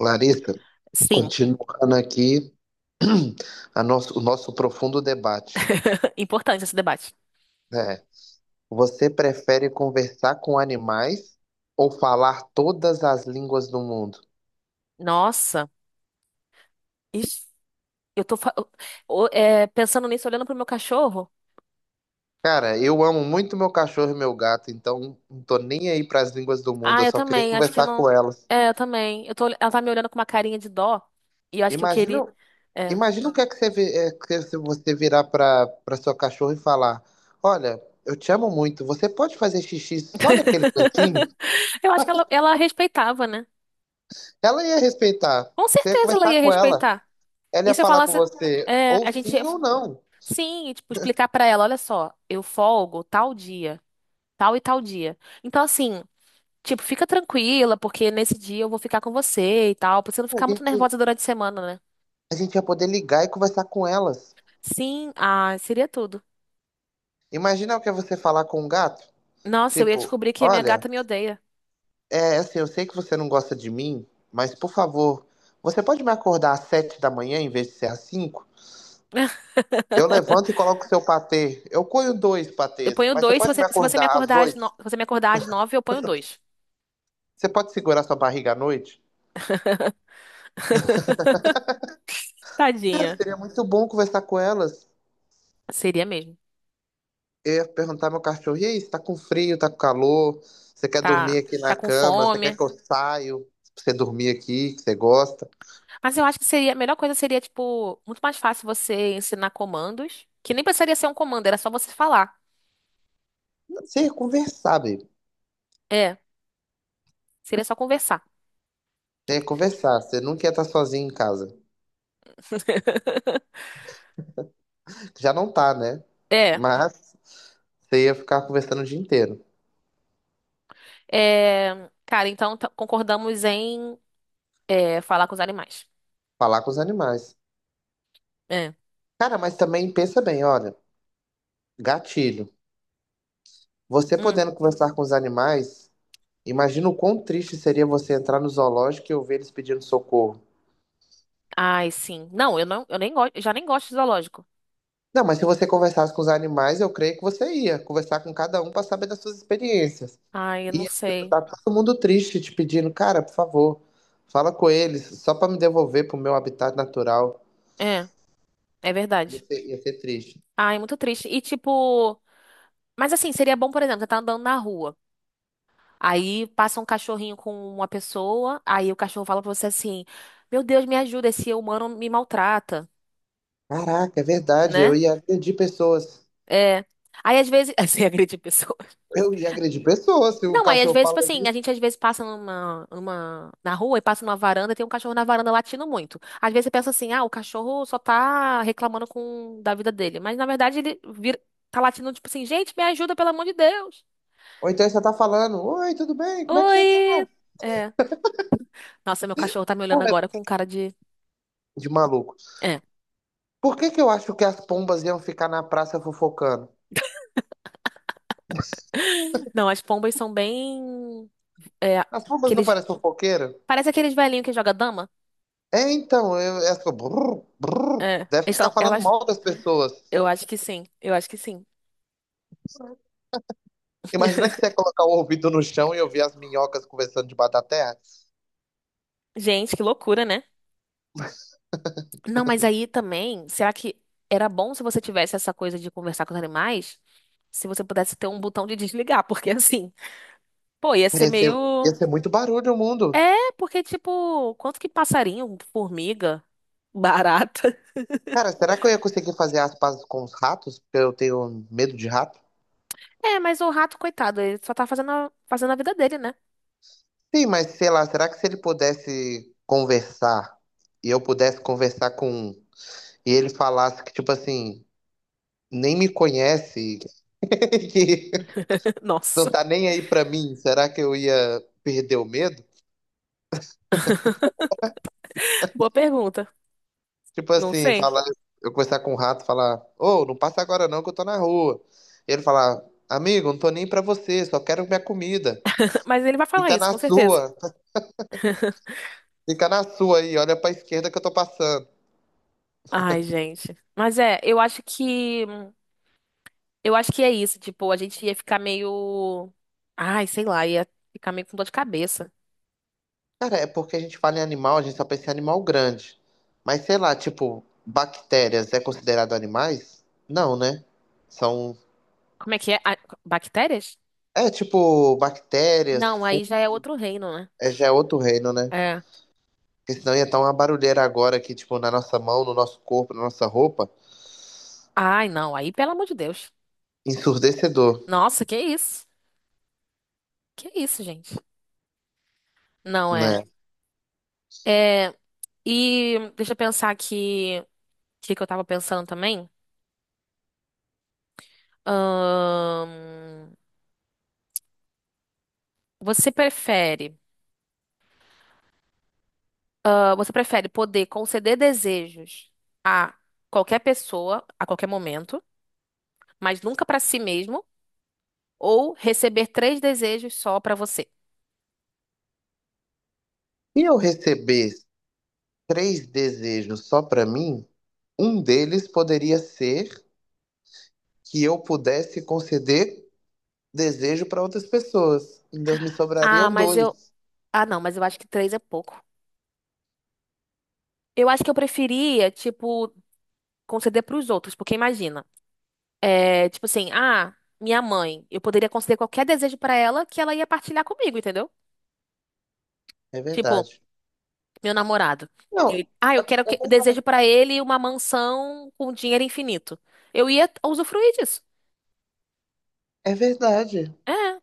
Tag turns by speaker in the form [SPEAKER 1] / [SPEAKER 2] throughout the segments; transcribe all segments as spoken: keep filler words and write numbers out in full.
[SPEAKER 1] Larissa,
[SPEAKER 2] Sim,
[SPEAKER 1] continuando aqui a nosso- o nosso profundo debate.
[SPEAKER 2] importante esse debate.
[SPEAKER 1] Né? Você prefere conversar com animais ou falar todas as línguas do mundo?
[SPEAKER 2] Nossa, isso, eu tô fa- eu- o- é, pensando nisso, olhando pro meu cachorro.
[SPEAKER 1] Cara, eu amo muito meu cachorro e meu gato, então não tô nem aí para as línguas do mundo,
[SPEAKER 2] Ah,
[SPEAKER 1] eu
[SPEAKER 2] eu
[SPEAKER 1] só queria
[SPEAKER 2] também, acho que eu
[SPEAKER 1] conversar
[SPEAKER 2] não.
[SPEAKER 1] com elas.
[SPEAKER 2] É, eu também. Eu tô, ela tá me olhando com uma carinha de dó e eu acho que eu
[SPEAKER 1] Imagina,
[SPEAKER 2] queria. É.
[SPEAKER 1] imagina o que é que você, vi- é, que é se você virar para para sua cachorra e falar: olha, eu te amo muito, você pode fazer xixi só naquele cantinho?
[SPEAKER 2] Eu acho que ela, ela respeitava, né?
[SPEAKER 1] Ela ia respeitar.
[SPEAKER 2] Com
[SPEAKER 1] Você ia
[SPEAKER 2] certeza ela
[SPEAKER 1] conversar
[SPEAKER 2] ia
[SPEAKER 1] com ela.
[SPEAKER 2] respeitar.
[SPEAKER 1] Ela
[SPEAKER 2] E
[SPEAKER 1] ia
[SPEAKER 2] se eu
[SPEAKER 1] falar com
[SPEAKER 2] falasse.
[SPEAKER 1] você,
[SPEAKER 2] É,
[SPEAKER 1] ou
[SPEAKER 2] a gente ia.
[SPEAKER 1] sim ou não.
[SPEAKER 2] Sim, e, tipo, explicar pra ela: olha só, eu folgo tal dia, tal e tal dia. Então, assim. Tipo, fica tranquila, porque nesse dia eu vou ficar com você e tal, pra você não
[SPEAKER 1] A
[SPEAKER 2] ficar muito
[SPEAKER 1] gente,
[SPEAKER 2] nervosa durante a semana, né?
[SPEAKER 1] a gente ia poder ligar e conversar com elas.
[SPEAKER 2] Sim, ah, seria tudo.
[SPEAKER 1] Imagina o que é você falar com um gato.
[SPEAKER 2] Nossa, eu ia
[SPEAKER 1] Tipo,
[SPEAKER 2] descobrir que a minha
[SPEAKER 1] olha,
[SPEAKER 2] gata me odeia.
[SPEAKER 1] é assim, eu sei que você não gosta de mim, mas por favor, você pode me acordar às sete da manhã em vez de ser às cinco? Eu levanto e coloco seu patê. Eu coio dois
[SPEAKER 2] Eu
[SPEAKER 1] patês,
[SPEAKER 2] ponho
[SPEAKER 1] mas você
[SPEAKER 2] dois, se
[SPEAKER 1] pode me
[SPEAKER 2] você, se você me
[SPEAKER 1] acordar às
[SPEAKER 2] acordar às
[SPEAKER 1] oito?
[SPEAKER 2] no... se você me acordar às nove, eu ponho dois.
[SPEAKER 1] Você pode segurar sua barriga à noite? Cara,
[SPEAKER 2] Tadinha.
[SPEAKER 1] seria muito bom conversar com elas.
[SPEAKER 2] Seria mesmo.
[SPEAKER 1] Eu ia perguntar ao meu cachorro, e aí, você tá com frio, tá com calor? Você quer
[SPEAKER 2] Tá,
[SPEAKER 1] dormir aqui na
[SPEAKER 2] tá com
[SPEAKER 1] cama? Você quer
[SPEAKER 2] fome.
[SPEAKER 1] que eu saio pra você dormir aqui, que você gosta?
[SPEAKER 2] Mas eu acho que seria, a melhor coisa seria, tipo, muito mais fácil você ensinar comandos, que nem precisaria ser um comando, era só você falar.
[SPEAKER 1] Você ia conversar, baby.
[SPEAKER 2] É, seria só conversar.
[SPEAKER 1] Você ia conversar, você nunca ia estar sozinho em casa. Já não tá, né?
[SPEAKER 2] É,
[SPEAKER 1] Mas você ia ficar conversando o dia inteiro,
[SPEAKER 2] é, cara, então tá- concordamos em é, falar com os animais.
[SPEAKER 1] falar com os animais.
[SPEAKER 2] É.
[SPEAKER 1] Cara, mas também pensa bem, olha, gatilho. Você
[SPEAKER 2] Hum.
[SPEAKER 1] podendo conversar com os animais, imagina o quão triste seria você entrar no zoológico e ouvir eles pedindo socorro.
[SPEAKER 2] Ai, sim. Não, eu não, eu nem gosto, já nem gosto de zoológico.
[SPEAKER 1] Não, mas se você conversasse com os animais, eu creio que você ia conversar com cada um para saber das suas experiências.
[SPEAKER 2] Ai, eu não
[SPEAKER 1] E tipo,
[SPEAKER 2] sei.
[SPEAKER 1] tá todo mundo triste te pedindo, cara, por favor, fala com eles, só para me devolver pro meu habitat natural.
[SPEAKER 2] É, é verdade.
[SPEAKER 1] Você ia ser triste.
[SPEAKER 2] Ai, muito triste. E tipo, mas assim, seria bom, por exemplo, você tá andando na rua. Aí passa um cachorrinho com uma pessoa, aí o cachorro fala pra você assim: "Meu Deus, me ajuda, esse humano me maltrata",
[SPEAKER 1] Caraca, é verdade, eu
[SPEAKER 2] né?
[SPEAKER 1] ia agredir pessoas.
[SPEAKER 2] É. Aí às vezes, assim, agride pessoas.
[SPEAKER 1] Eu ia agredir pessoas se um
[SPEAKER 2] Não, aí às
[SPEAKER 1] cachorro
[SPEAKER 2] vezes, tipo
[SPEAKER 1] fala
[SPEAKER 2] assim, a
[SPEAKER 1] isso.
[SPEAKER 2] gente às vezes passa numa, numa, na rua e passa numa varanda e tem um cachorro na varanda latindo muito. Às vezes você pensa assim, ah, o cachorro só tá reclamando com, da vida dele. Mas na verdade ele vira, tá latindo tipo assim, gente, me ajuda, pelo amor de Deus.
[SPEAKER 1] Ou então você tá falando, oi, tudo bem? Como é que você
[SPEAKER 2] Oi!
[SPEAKER 1] tá?
[SPEAKER 2] É. Nossa, meu cachorro tá me olhando
[SPEAKER 1] Cara,
[SPEAKER 2] agora com cara de.
[SPEAKER 1] de maluco.
[SPEAKER 2] É.
[SPEAKER 1] Por que que eu acho que as pombas iam ficar na praça fofocando?
[SPEAKER 2] Não, as pombas são bem. É.
[SPEAKER 1] As pombas não
[SPEAKER 2] Aqueles.
[SPEAKER 1] parecem fofoqueiras?
[SPEAKER 2] Parece aqueles velhinhos que joga dama.
[SPEAKER 1] É, então, eu, é assim, eu fico, brrr, brrr.
[SPEAKER 2] É.
[SPEAKER 1] Deve
[SPEAKER 2] Eles
[SPEAKER 1] ficar
[SPEAKER 2] são-
[SPEAKER 1] falando
[SPEAKER 2] Elas.
[SPEAKER 1] mal das pessoas.
[SPEAKER 2] Eu acho que sim. Eu acho que sim.
[SPEAKER 1] Imagina que você ia colocar o ouvido no chão e ouvir as minhocas conversando debaixo da terra.
[SPEAKER 2] Gente, que loucura, né? Não, mas aí também, será que era bom se você tivesse essa coisa de conversar com os animais? Se você pudesse ter um botão de desligar, porque assim, pô, ia ser
[SPEAKER 1] Ia ser, ia
[SPEAKER 2] meio.
[SPEAKER 1] ser muito barulho o mundo.
[SPEAKER 2] É, porque tipo, quanto que passarinho, formiga, barata.
[SPEAKER 1] Cara, será que eu ia conseguir fazer as pazes com os ratos? Porque eu tenho medo de rato.
[SPEAKER 2] É, mas o rato, coitado, ele só tá fazendo a, fazendo a vida dele, né?
[SPEAKER 1] Sim, mas sei lá, será que se ele pudesse conversar e eu pudesse conversar com um, e ele falasse que, tipo assim, nem me conhece, que não
[SPEAKER 2] Nossa,
[SPEAKER 1] tá nem aí pra mim, será que eu ia perder o medo?
[SPEAKER 2] boa pergunta.
[SPEAKER 1] Tipo
[SPEAKER 2] Não
[SPEAKER 1] assim,
[SPEAKER 2] sei.
[SPEAKER 1] falar, eu conversar com um rato, falar, ô, não passa agora não, que eu tô na rua. E ele falar, amigo, não tô nem pra você, só quero minha comida.
[SPEAKER 2] Mas ele vai falar
[SPEAKER 1] Fica
[SPEAKER 2] isso,
[SPEAKER 1] na
[SPEAKER 2] com certeza.
[SPEAKER 1] sua, fica na sua aí, olha pra esquerda que eu tô passando.
[SPEAKER 2] Ai, gente. Mas é, eu acho que eu acho que é isso, tipo, a gente ia ficar meio. Ai, sei lá, ia ficar meio com dor de cabeça.
[SPEAKER 1] Cara, é porque a gente fala em animal, a gente só pensa em animal grande. Mas sei lá, tipo, bactérias é considerado animais? Não, né? São.
[SPEAKER 2] Como é que é? Ah, bactérias?
[SPEAKER 1] É tipo, bactérias,
[SPEAKER 2] Não, aí
[SPEAKER 1] fungos,
[SPEAKER 2] já é outro reino, né?
[SPEAKER 1] é, já é outro reino, né?
[SPEAKER 2] É.
[SPEAKER 1] Porque senão ia estar uma barulheira agora aqui, tipo, na nossa mão, no nosso corpo, na nossa roupa.
[SPEAKER 2] Ai, não, aí pelo amor de Deus.
[SPEAKER 1] Ensurdecedor,
[SPEAKER 2] Nossa, que isso? Que isso, gente? Não é.
[SPEAKER 1] né?
[SPEAKER 2] É. E deixa eu pensar que. O que que eu tava pensando também? Ahn, Você prefere. Ah, você prefere poder conceder desejos a qualquer pessoa, a qualquer momento, mas nunca pra si mesmo? Ou receber três desejos só pra você.
[SPEAKER 1] Se eu receber três desejos só para mim, um deles poderia ser que eu pudesse conceder desejo para outras pessoas. Ainda me
[SPEAKER 2] Ah,
[SPEAKER 1] sobrariam
[SPEAKER 2] mas eu.
[SPEAKER 1] dois.
[SPEAKER 2] Ah, não, mas eu acho que três é pouco. Eu acho que eu preferia, tipo, conceder pros outros, porque imagina. É, tipo assim, ah, minha mãe. Eu poderia conceder qualquer desejo pra ela que ela ia partilhar comigo, entendeu?
[SPEAKER 1] É
[SPEAKER 2] Tipo,
[SPEAKER 1] verdade.
[SPEAKER 2] meu namorado. Eu-
[SPEAKER 1] Não,
[SPEAKER 2] ah,
[SPEAKER 1] é
[SPEAKER 2] eu quero
[SPEAKER 1] é
[SPEAKER 2] que desejo
[SPEAKER 1] verdade.
[SPEAKER 2] pra ele uma mansão com dinheiro infinito. Eu ia usufruir disso.
[SPEAKER 1] É verdade.
[SPEAKER 2] É,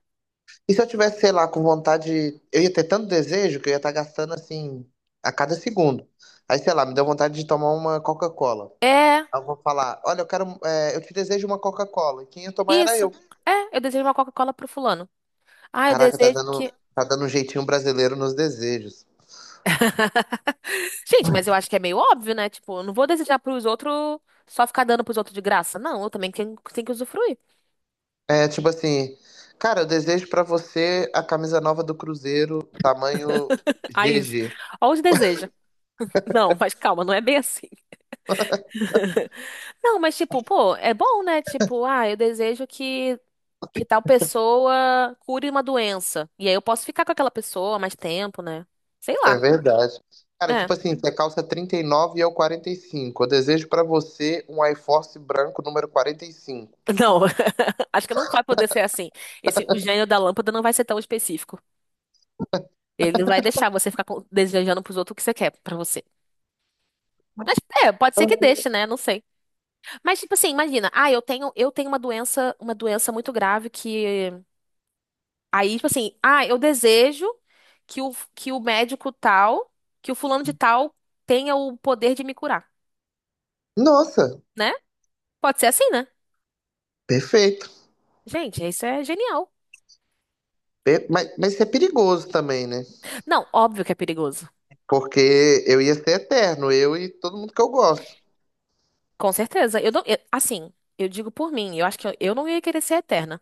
[SPEAKER 1] E se eu tivesse, sei lá, com vontade, eu ia ter tanto desejo que eu ia estar gastando assim a cada segundo. Aí, sei lá, me deu vontade de tomar uma Coca-Cola.
[SPEAKER 2] é,
[SPEAKER 1] Aí eu vou falar, olha, eu quero, é, eu te desejo uma Coca-Cola. E quem ia tomar era
[SPEAKER 2] isso.
[SPEAKER 1] eu.
[SPEAKER 2] É, eu desejo uma Coca-Cola pro fulano. Ah, eu
[SPEAKER 1] Caraca, tá
[SPEAKER 2] desejo
[SPEAKER 1] dando,
[SPEAKER 2] que
[SPEAKER 1] tá dando um jeitinho brasileiro nos desejos.
[SPEAKER 2] gente, mas eu acho que é meio óbvio, né? Tipo, eu não vou desejar pros outros só ficar dando pros outros de graça. Não, eu também tenho, tenho que usufruir.
[SPEAKER 1] É, tipo assim, cara, eu desejo pra você a camisa nova do Cruzeiro, tamanho
[SPEAKER 2] Aí,
[SPEAKER 1] G G.
[SPEAKER 2] olha os desejos. Não, mas calma, não é bem assim. Não, mas tipo, pô, é bom, né? Tipo, ah, eu desejo que, que tal pessoa cure uma doença. E aí eu posso ficar com aquela pessoa mais tempo, né? Sei
[SPEAKER 1] É
[SPEAKER 2] lá.
[SPEAKER 1] verdade. Cara,
[SPEAKER 2] É.
[SPEAKER 1] tipo assim, você calça trinta e nove e eu quarenta e cinco. Eu desejo pra você um iForce branco número quarenta e cinco.
[SPEAKER 2] Não, acho que não vai poder ser assim. Esse, o gênio da lâmpada não vai ser tão específico. Ele não vai deixar você ficar com- desejando pros outros o que você quer pra você. Mas é, pode ser que deixe, né? Não sei. Mas, tipo assim, imagina, ah, eu tenho, eu tenho uma doença, uma doença muito grave que. Aí, tipo assim, ah, eu desejo que o, que o médico tal, que o fulano de tal tenha o poder de me curar,
[SPEAKER 1] Nossa,
[SPEAKER 2] né? Pode ser assim, né?
[SPEAKER 1] perfeito.
[SPEAKER 2] Gente, isso é genial.
[SPEAKER 1] Pe- Mas, mas isso é perigoso também, né?
[SPEAKER 2] Não, óbvio que é perigoso.
[SPEAKER 1] Porque eu ia ser eterno, eu e todo mundo que eu gosto.
[SPEAKER 2] Com certeza. Eu não, eu- assim, eu digo por mim, eu acho que eu, eu não ia querer ser eterna.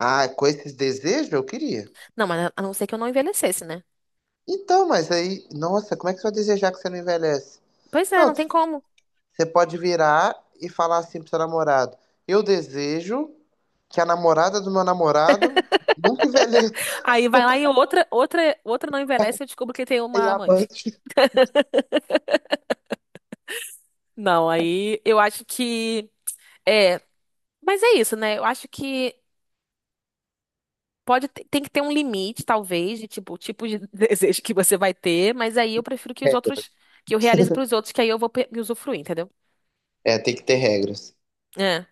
[SPEAKER 1] Ah, com esses desejos eu queria.
[SPEAKER 2] Não, mas a não ser que eu não envelhecesse, né?
[SPEAKER 1] Então, mas aí, nossa, como é que você vai desejar que você não envelhece?
[SPEAKER 2] Pois é,
[SPEAKER 1] Não,
[SPEAKER 2] não tem como.
[SPEAKER 1] você pode virar e falar assim pro seu namorado: eu desejo que a namorada do meu namorado nunca envelheça
[SPEAKER 2] Aí vai lá e outra, outra, outra não envelhece e eu descubro que tem
[SPEAKER 1] e
[SPEAKER 2] uma
[SPEAKER 1] a mãe.
[SPEAKER 2] amante.
[SPEAKER 1] Que
[SPEAKER 2] Não, aí eu acho que. É, mas é isso, né? Eu acho que pode ter- tem que ter um limite, talvez, de tipo, o tipo de desejo que você vai ter, mas aí eu prefiro que os
[SPEAKER 1] é.
[SPEAKER 2] outros, que eu realize pros outros, que aí eu vou pe- me usufruir, entendeu?
[SPEAKER 1] É, tem que ter regras.
[SPEAKER 2] É.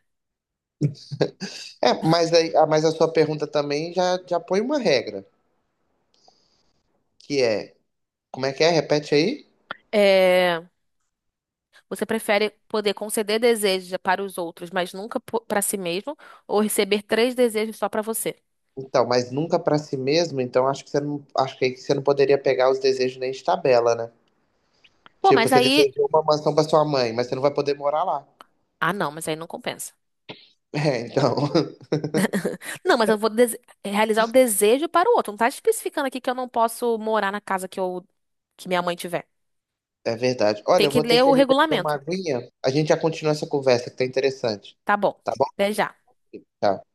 [SPEAKER 1] É, mas aí, ah, mas a sua pergunta também já, já põe uma regra, que é, como é que é? Repete aí.
[SPEAKER 2] É, você prefere poder conceder desejos para os outros, mas nunca po- pra si mesmo, ou receber três desejos só pra você?
[SPEAKER 1] Então, mas nunca pra si mesmo, então acho que você não, acho que aí você não poderia pegar os desejos nem de tabela, né?
[SPEAKER 2] Pô,
[SPEAKER 1] Tipo,
[SPEAKER 2] mas
[SPEAKER 1] você
[SPEAKER 2] aí.
[SPEAKER 1] desejou uma mansão pra sua mãe, mas você não vai poder morar lá.
[SPEAKER 2] Ah, não, mas aí não compensa.
[SPEAKER 1] É, então,
[SPEAKER 2] Não, mas eu vou dese- realizar o desejo para o outro. Não tá especificando aqui que eu não posso morar na casa que eu que minha mãe tiver.
[SPEAKER 1] é verdade. Olha,
[SPEAKER 2] Tem
[SPEAKER 1] eu
[SPEAKER 2] que
[SPEAKER 1] vou ter
[SPEAKER 2] ler
[SPEAKER 1] que
[SPEAKER 2] o
[SPEAKER 1] ali beber uma
[SPEAKER 2] regulamento.
[SPEAKER 1] aguinha. A gente já continua essa conversa, que tá interessante.
[SPEAKER 2] Tá bom.
[SPEAKER 1] Tá bom?
[SPEAKER 2] Até já.
[SPEAKER 1] Tchau.